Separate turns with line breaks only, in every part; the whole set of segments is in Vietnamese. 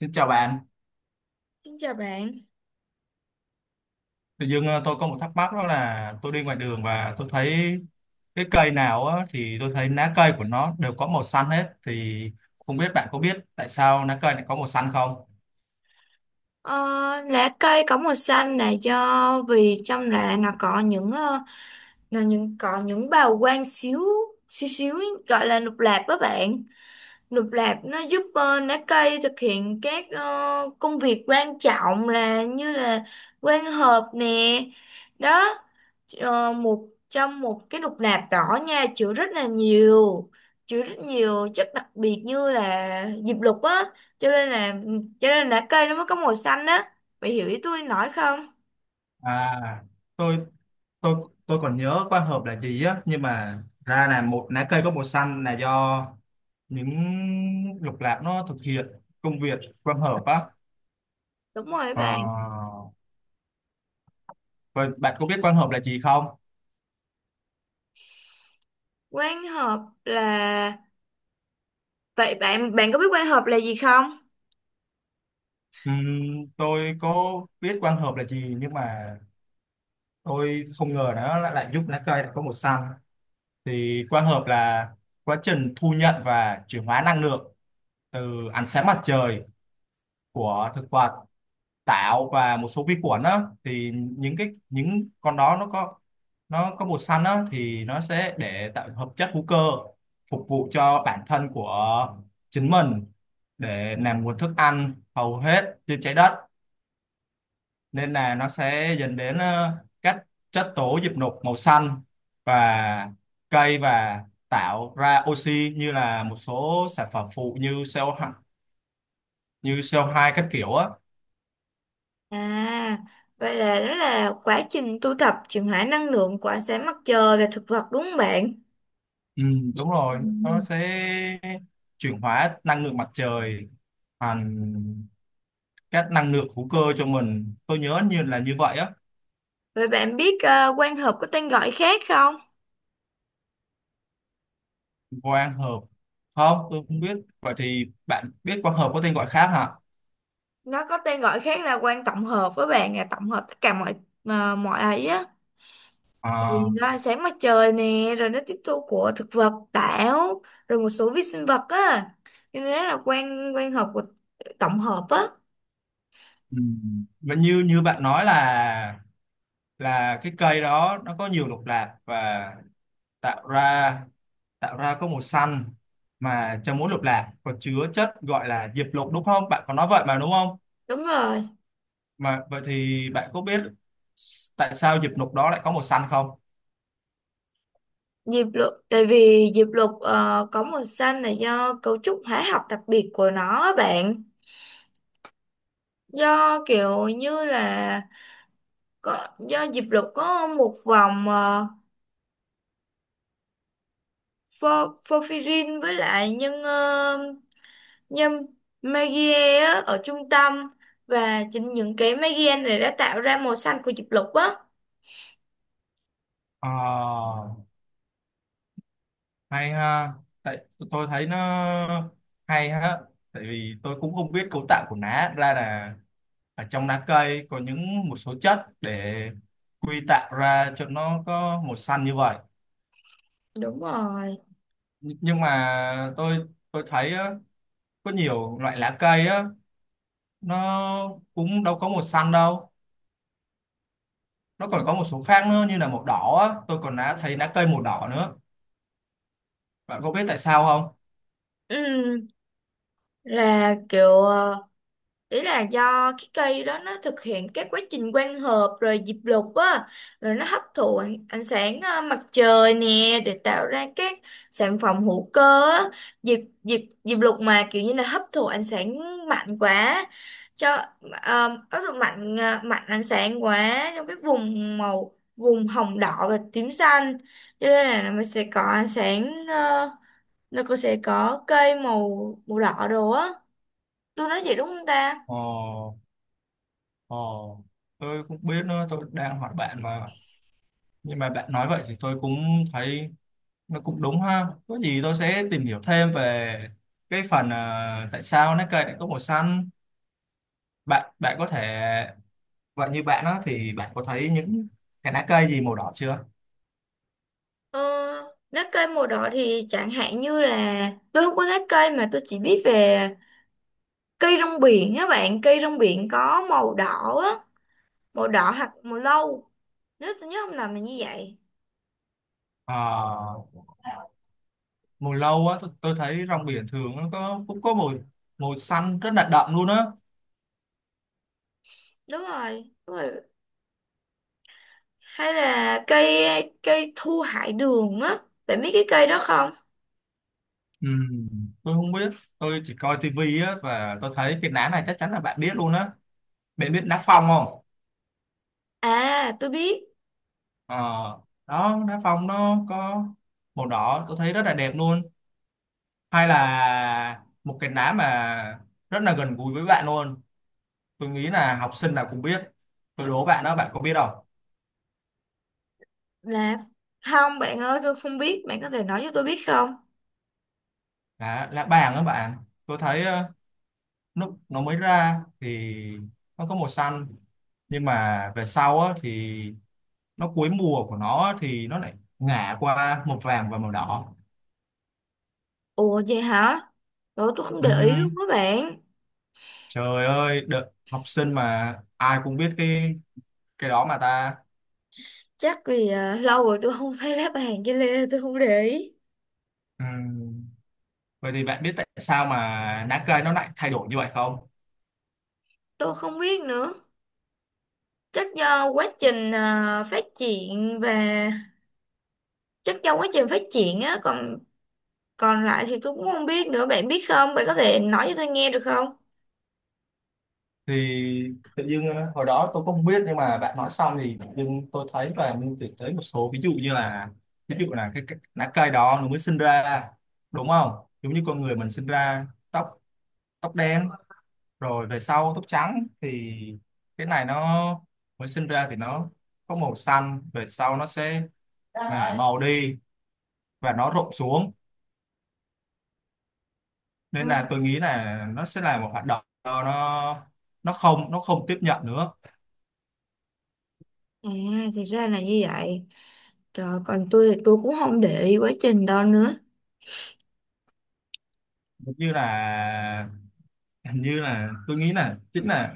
Xin chào bạn.
Xin chào bạn.
Tự dưng tôi có một thắc mắc đó là tôi đi ngoài đường và tôi thấy cái cây nào á, thì tôi thấy lá cây của nó đều có màu xanh hết thì không biết bạn có biết tại sao lá cây lại có màu xanh không?
Ờ, Lá cây có màu xanh là do vì trong lá nó có là những bào quang xíu xíu xíu gọi là lục lạp đó bạn. Lục lạp nó giúp lá cây thực hiện các công việc quan trọng là như là quang hợp nè. Đó, một cái lục lạp đỏ nha chứa rất nhiều chất đặc biệt như là diệp lục á cho nên cho nên lá cây nó mới có màu xanh á, bạn hiểu ý tôi nói không?
À, tôi tôi tôi còn nhớ quang hợp là gì á, nhưng mà ra là một lá cây có màu xanh là do những lục lạc nó thực hiện công việc quang hợp á.
Đúng rồi
Ờ,
bạn.
vậy bạn có biết quang hợp là gì không?
Quang hợp là, vậy bạn bạn có biết quang hợp là gì không?
Tôi có biết quang hợp là gì, nhưng mà tôi không ngờ nó lại giúp lá cây lại có màu xanh. Thì quang hợp là quá trình thu nhận và chuyển hóa năng lượng từ ánh sáng mặt trời của thực vật, tảo và một số vi khuẩn á, thì những cái những con đó nó có, nó có màu xanh á, thì nó sẽ để tạo hợp chất hữu cơ phục vụ cho bản thân của chính mình, để làm nguồn thức ăn hầu hết trên trái đất, nên là nó sẽ dẫn đến các chất tố diệp nục màu xanh và cây, và tạo ra oxy như là một số sản phẩm phụ như CO2, như CO2 các kiểu á.
À, vậy là nó là quá trình tu tập chuyển hóa năng lượng của ánh sáng mặt trời và thực vật, đúng không bạn?
Ừ, đúng
Ừ.
rồi, nó sẽ chuyển hóa năng lượng mặt trời thành các năng lượng hữu cơ cho mình. Tôi nhớ như là như vậy á.
Vậy bạn biết quan hợp có tên gọi khác không?
Quang hợp, không, tôi không biết. Vậy thì bạn biết quang hợp có tên gọi khác hả?
Nó có tên gọi khác là quang tổng hợp, với bạn là tổng hợp tất cả mọi ấy á, vì
À,
nó ánh sáng mặt trời nè, rồi nó tiếp thu của thực vật, tảo, rồi một số vi sinh vật á, cho nên là quan quan hợp của tổng hợp á.
ừ, và như như bạn nói là cái cây đó nó có nhiều lục lạc và tạo ra tạo ra có màu xanh, mà trong mỗi lục lạc có chứa chất gọi là diệp lục đúng không? Bạn có nói vậy mà đúng không?
Đúng rồi.
Mà vậy thì bạn có biết tại sao diệp lục đó lại có màu xanh không?
Diệp lục, tại vì diệp lục có màu xanh là do cấu trúc hóa học đặc biệt của nó á bạn, do kiểu như là có do diệp lục có một vòng porphyrin với lại nhân. Nhưng Magie á, ở trung tâm, và chính những cái Magie này đã tạo ra màu xanh của diệp lục á.
Ờ, hay ha. Tại tôi thấy nó hay ha. Tại vì tôi cũng không biết cấu tạo của lá, ra là ở trong lá cây có những một số chất để quy tạo ra cho nó có màu xanh như vậy.
Đúng rồi.
Nhưng mà tôi thấy á, có nhiều loại lá cây á nó cũng đâu có màu xanh đâu, nó còn có một số khác nữa như là màu đỏ á, tôi còn đã thấy lá cây màu đỏ nữa. Bạn có biết tại sao không?
Ừ, là kiểu, ý là do cái cây đó nó thực hiện các quá trình quang hợp, rồi diệp lục á, rồi nó hấp thụ ánh sáng mặt trời nè để tạo ra các sản phẩm hữu cơ á. Diệp diệp diệp lục mà kiểu như là hấp thụ ánh sáng mạnh quá, cho hấp thụ mạnh ánh sáng quá trong cái vùng hồng đỏ và tím xanh, cho nên là nó sẽ có ánh sáng, nó cũng sẽ có cây màu màu đỏ đồ á, tôi nói vậy đúng không ta?
Ồ, ồ, tôi cũng biết nữa, tôi đang hỏi bạn mà. Nhưng mà bạn nói vậy thì tôi cũng thấy nó cũng đúng ha. Có gì tôi sẽ tìm hiểu thêm về cái phần à, tại sao lá cây lại có màu xanh. Bạn bạn có thể, vậy như bạn đó thì bạn có thấy những cái lá cây gì màu đỏ chưa?
Ờ, Lá cây màu đỏ thì chẳng hạn như là tôi không có lá cây, mà tôi chỉ biết về cây rong biển á bạn, cây rong biển có màu đỏ á, màu đỏ hoặc màu nâu, nếu tôi nhớ không lầm là như vậy.
Ờ, mùi lâu á, tôi thấy rong biển thường nó có, cũng có mùi, mùi xanh rất là đậm luôn á.
Đúng rồi, hay là cây cây thu hải đường á, bạn biết cái cây đó không?
Ừ, tôi không biết, tôi chỉ coi tivi á, và tôi thấy cái lá này chắc chắn là bạn biết luôn á. Bạn biết lá phong không?
À tôi biết.
Ờ, đó, lá phong nó có màu đỏ, tôi thấy rất là đẹp luôn. Hay là một cái lá mà rất là gần gũi với bạn luôn, tôi nghĩ là học sinh nào cũng biết. Tôi đố bạn đó, bạn có biết không?
Là, không bạn ơi, tôi không biết, bạn có thể nói cho tôi biết không?
Lá lá bàng đó bạn. Tôi thấy lúc nó mới ra thì nó có màu xanh, nhưng mà về sau á, thì nó cuối mùa của nó á, thì nó lại ngả qua màu vàng và màu đỏ.
Ủa vậy hả? Ủa tôi không để ý luôn
Ừm,
các bạn.
trời ơi, đợt học sinh mà ai cũng biết cái đó mà ta.
Chắc vì lâu rồi tôi không thấy lá bàn với lê, tôi không để ý.
Ừm, vậy thì bạn biết tại sao mà lá cây nó lại thay đổi như vậy không?
Tôi không biết nữa, chắc do quá trình phát triển và chắc do quá trình phát triển á còn còn lại thì tôi cũng không biết nữa, bạn biết không, bạn có thể nói cho tôi nghe được không?
Thì tự dưng hồi đó tôi cũng không biết, nhưng mà bạn nói xong thì tự dưng tôi thấy và mình tưởng tới một số ví dụ như là, ví dụ là cái lá cây đó nó mới sinh ra đúng không, giống như con người mình sinh ra tóc, tóc đen, rồi về sau tóc trắng, thì cái này nó mới sinh ra thì nó có màu xanh, về sau nó sẽ là màu đi và nó rụng xuống. Nên
Ừ.
là tôi nghĩ là nó sẽ là một hoạt động nó, nó không tiếp nhận nữa.
À thì ra là như vậy. Trời, còn tôi thì tôi cũng không để ý quá trình đâu nữa.
Giống như là, hình như là, tôi nghĩ là chính là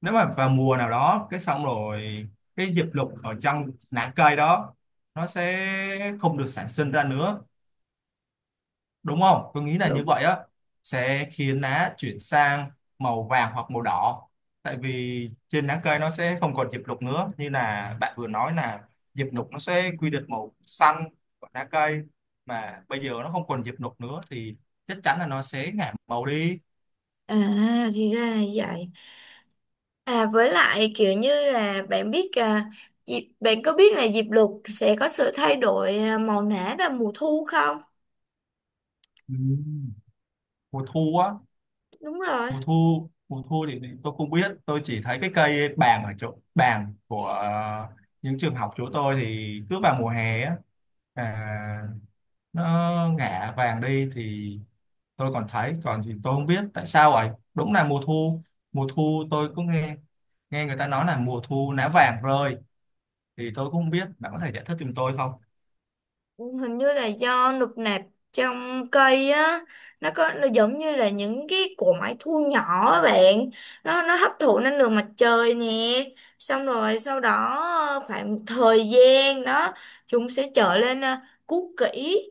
nếu mà vào mùa nào đó cái xong rồi cái diệp lục ở trong lá cây đó nó sẽ không được sản sinh ra nữa, đúng không, tôi nghĩ là như
Đúng.
vậy á. Sẽ khiến lá chuyển sang màu vàng hoặc màu đỏ, tại vì trên lá cây nó sẽ không còn diệp lục nữa, như là bạn vừa nói là diệp lục nó sẽ quy định màu xanh của lá cây, mà bây giờ nó không còn diệp lục nữa thì chắc chắn là nó sẽ ngả màu đi.
À thì ra là như vậy. À với lại kiểu như là bạn có biết là diệp lục sẽ có sự thay đổi màu nã vào mùa thu không?
Ừ, mùa thu á.
Đúng rồi.
Mùa thu thì tôi không biết, tôi chỉ thấy cái cây bàng ở chỗ bàng của những trường học chỗ tôi thì cứ vào mùa hè á là nó ngả vàng đi. Thì tôi còn thấy, còn thì tôi không biết tại sao vậy. Đúng là mùa thu, tôi cũng nghe, nghe người ta nói là mùa thu lá vàng rơi, thì tôi cũng không biết, bạn có thể giải thích giùm tôi không?
Hình như là do nụp nạp trong cây á, nó có, nó giống như là những cái cỗ máy thu nhỏ á bạn, nó hấp thụ năng lượng mặt trời nè, xong rồi sau đó khoảng một thời gian đó chúng sẽ trở lên cũ kỹ,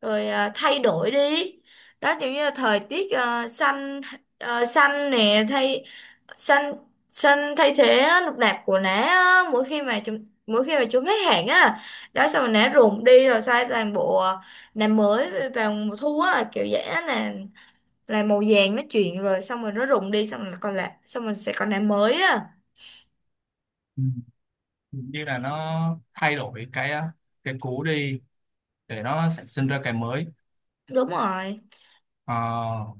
rồi thay đổi đi. Đó, giống như là thời tiết xanh, ờ, xanh nè thay xanh xanh thay thế á, nụp nạp của nó á, mỗi khi mà chúng hết hạn á. Đó, xong rồi nã ruộng đi, rồi sai toàn bộ nã mới vào mùa thu á, kiểu dễ là màu vàng nó chuyển, rồi xong rồi nó rụng đi, xong rồi còn lại, xong rồi sẽ còn nã mới á.
Ừ, như là nó thay đổi cái cũ đi để nó sản sinh ra cái mới.
Đúng rồi.
Ờ,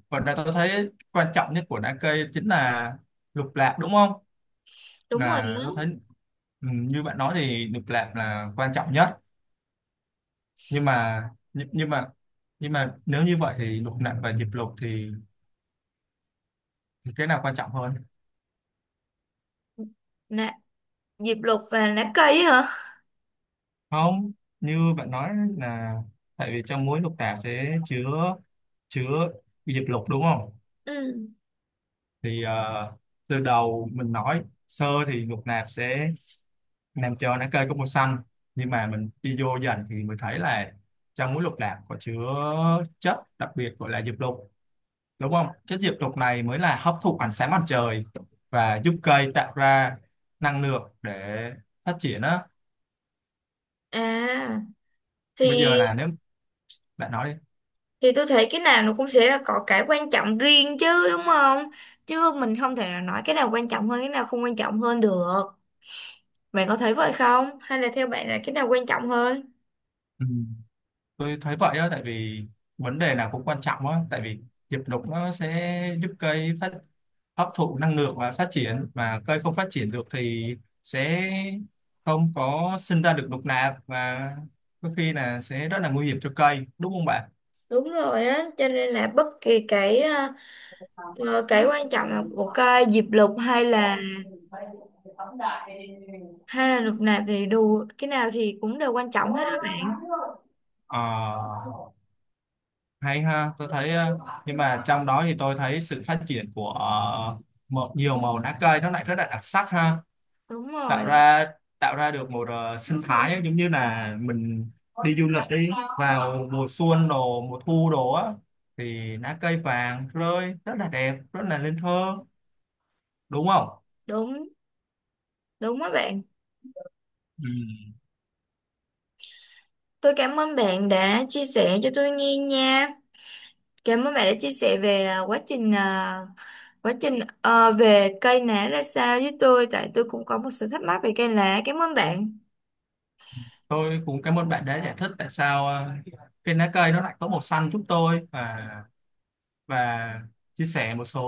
và đây tôi thấy quan trọng nhất của đá cây chính là lục lạc đúng không?
Đúng rồi á.
Là tôi thấy, ừ, như bạn nói thì lục lạc là quan trọng nhất, nhưng mà nhưng mà nhưng mà nếu như vậy thì lục lạc và diệp lục thì cái nào quan trọng hơn?
Nã diệp lục và nã cây hả?
Không, như bạn nói là tại vì trong mỗi lục lạc sẽ chứa, chứa diệp lục đúng không?
Ừ.
Thì từ đầu mình nói sơ thì lục lạc sẽ Nam cho lá cây có màu xanh, nhưng mà mình đi vô dần thì mình thấy là trong muối lục lạc có chứa chất đặc biệt gọi là diệp lục đúng không. Chất diệp lục này mới là hấp thụ ánh sáng mặt trời và giúp cây tạo ra năng lượng để phát triển á.
À
Bây
thì
giờ là nếu lại nói đi.
thì tôi thấy cái nào nó cũng sẽ là có cái quan trọng riêng chứ đúng không, chứ mình không thể nào nói cái nào quan trọng hơn cái nào không quan trọng hơn được, bạn có thấy vậy không, hay là theo bạn là cái nào quan trọng hơn?
Ừ, tôi thấy vậy á, tại vì vấn đề nào cũng quan trọng á, tại vì diệp lục nó sẽ giúp cây phát, hấp thụ năng lượng và phát triển, mà cây không phát triển được thì sẽ không có sinh ra được lục nạp, và có khi là sẽ rất là nguy hiểm cho cây đúng không bạn?
Đúng rồi á, cho nên là bất kỳ cái quan trọng là của cái diệp lục hay là lục nạp thì đủ, cái nào thì cũng đều quan trọng hết á bạn.
Ờ, hay ha. Tôi thấy nhưng mà trong đó thì tôi thấy sự phát triển của một nhiều màu lá cây nó lại rất là đặc sắc ha.
Đúng
tạo
rồi,
ra tạo ra được một sinh thái, giống như là mình đi du lịch đi, vào mùa xuân đồ mùa thu đồ á, thì lá cây vàng rơi rất là đẹp, rất là nên thơ đúng không?
đúng đúng á bạn.
Ừ,
Tôi cảm ơn bạn đã chia sẻ cho tôi nghe nha. Cảm ơn bạn đã chia sẻ về quá trình về cây lá ra sao với tôi, tại tôi cũng có một sự thắc mắc về cây lá. Cảm ơn bạn.
tôi cũng cảm ơn bạn đã giải thích tại sao cái lá cây nó lại có màu xanh giúp tôi, và chia sẻ một số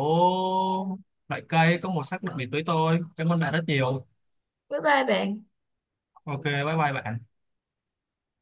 loại cây có màu sắc đặc biệt với tôi. Cảm ơn bạn rất nhiều.
Bye bye bạn.
OK, bye bye bạn.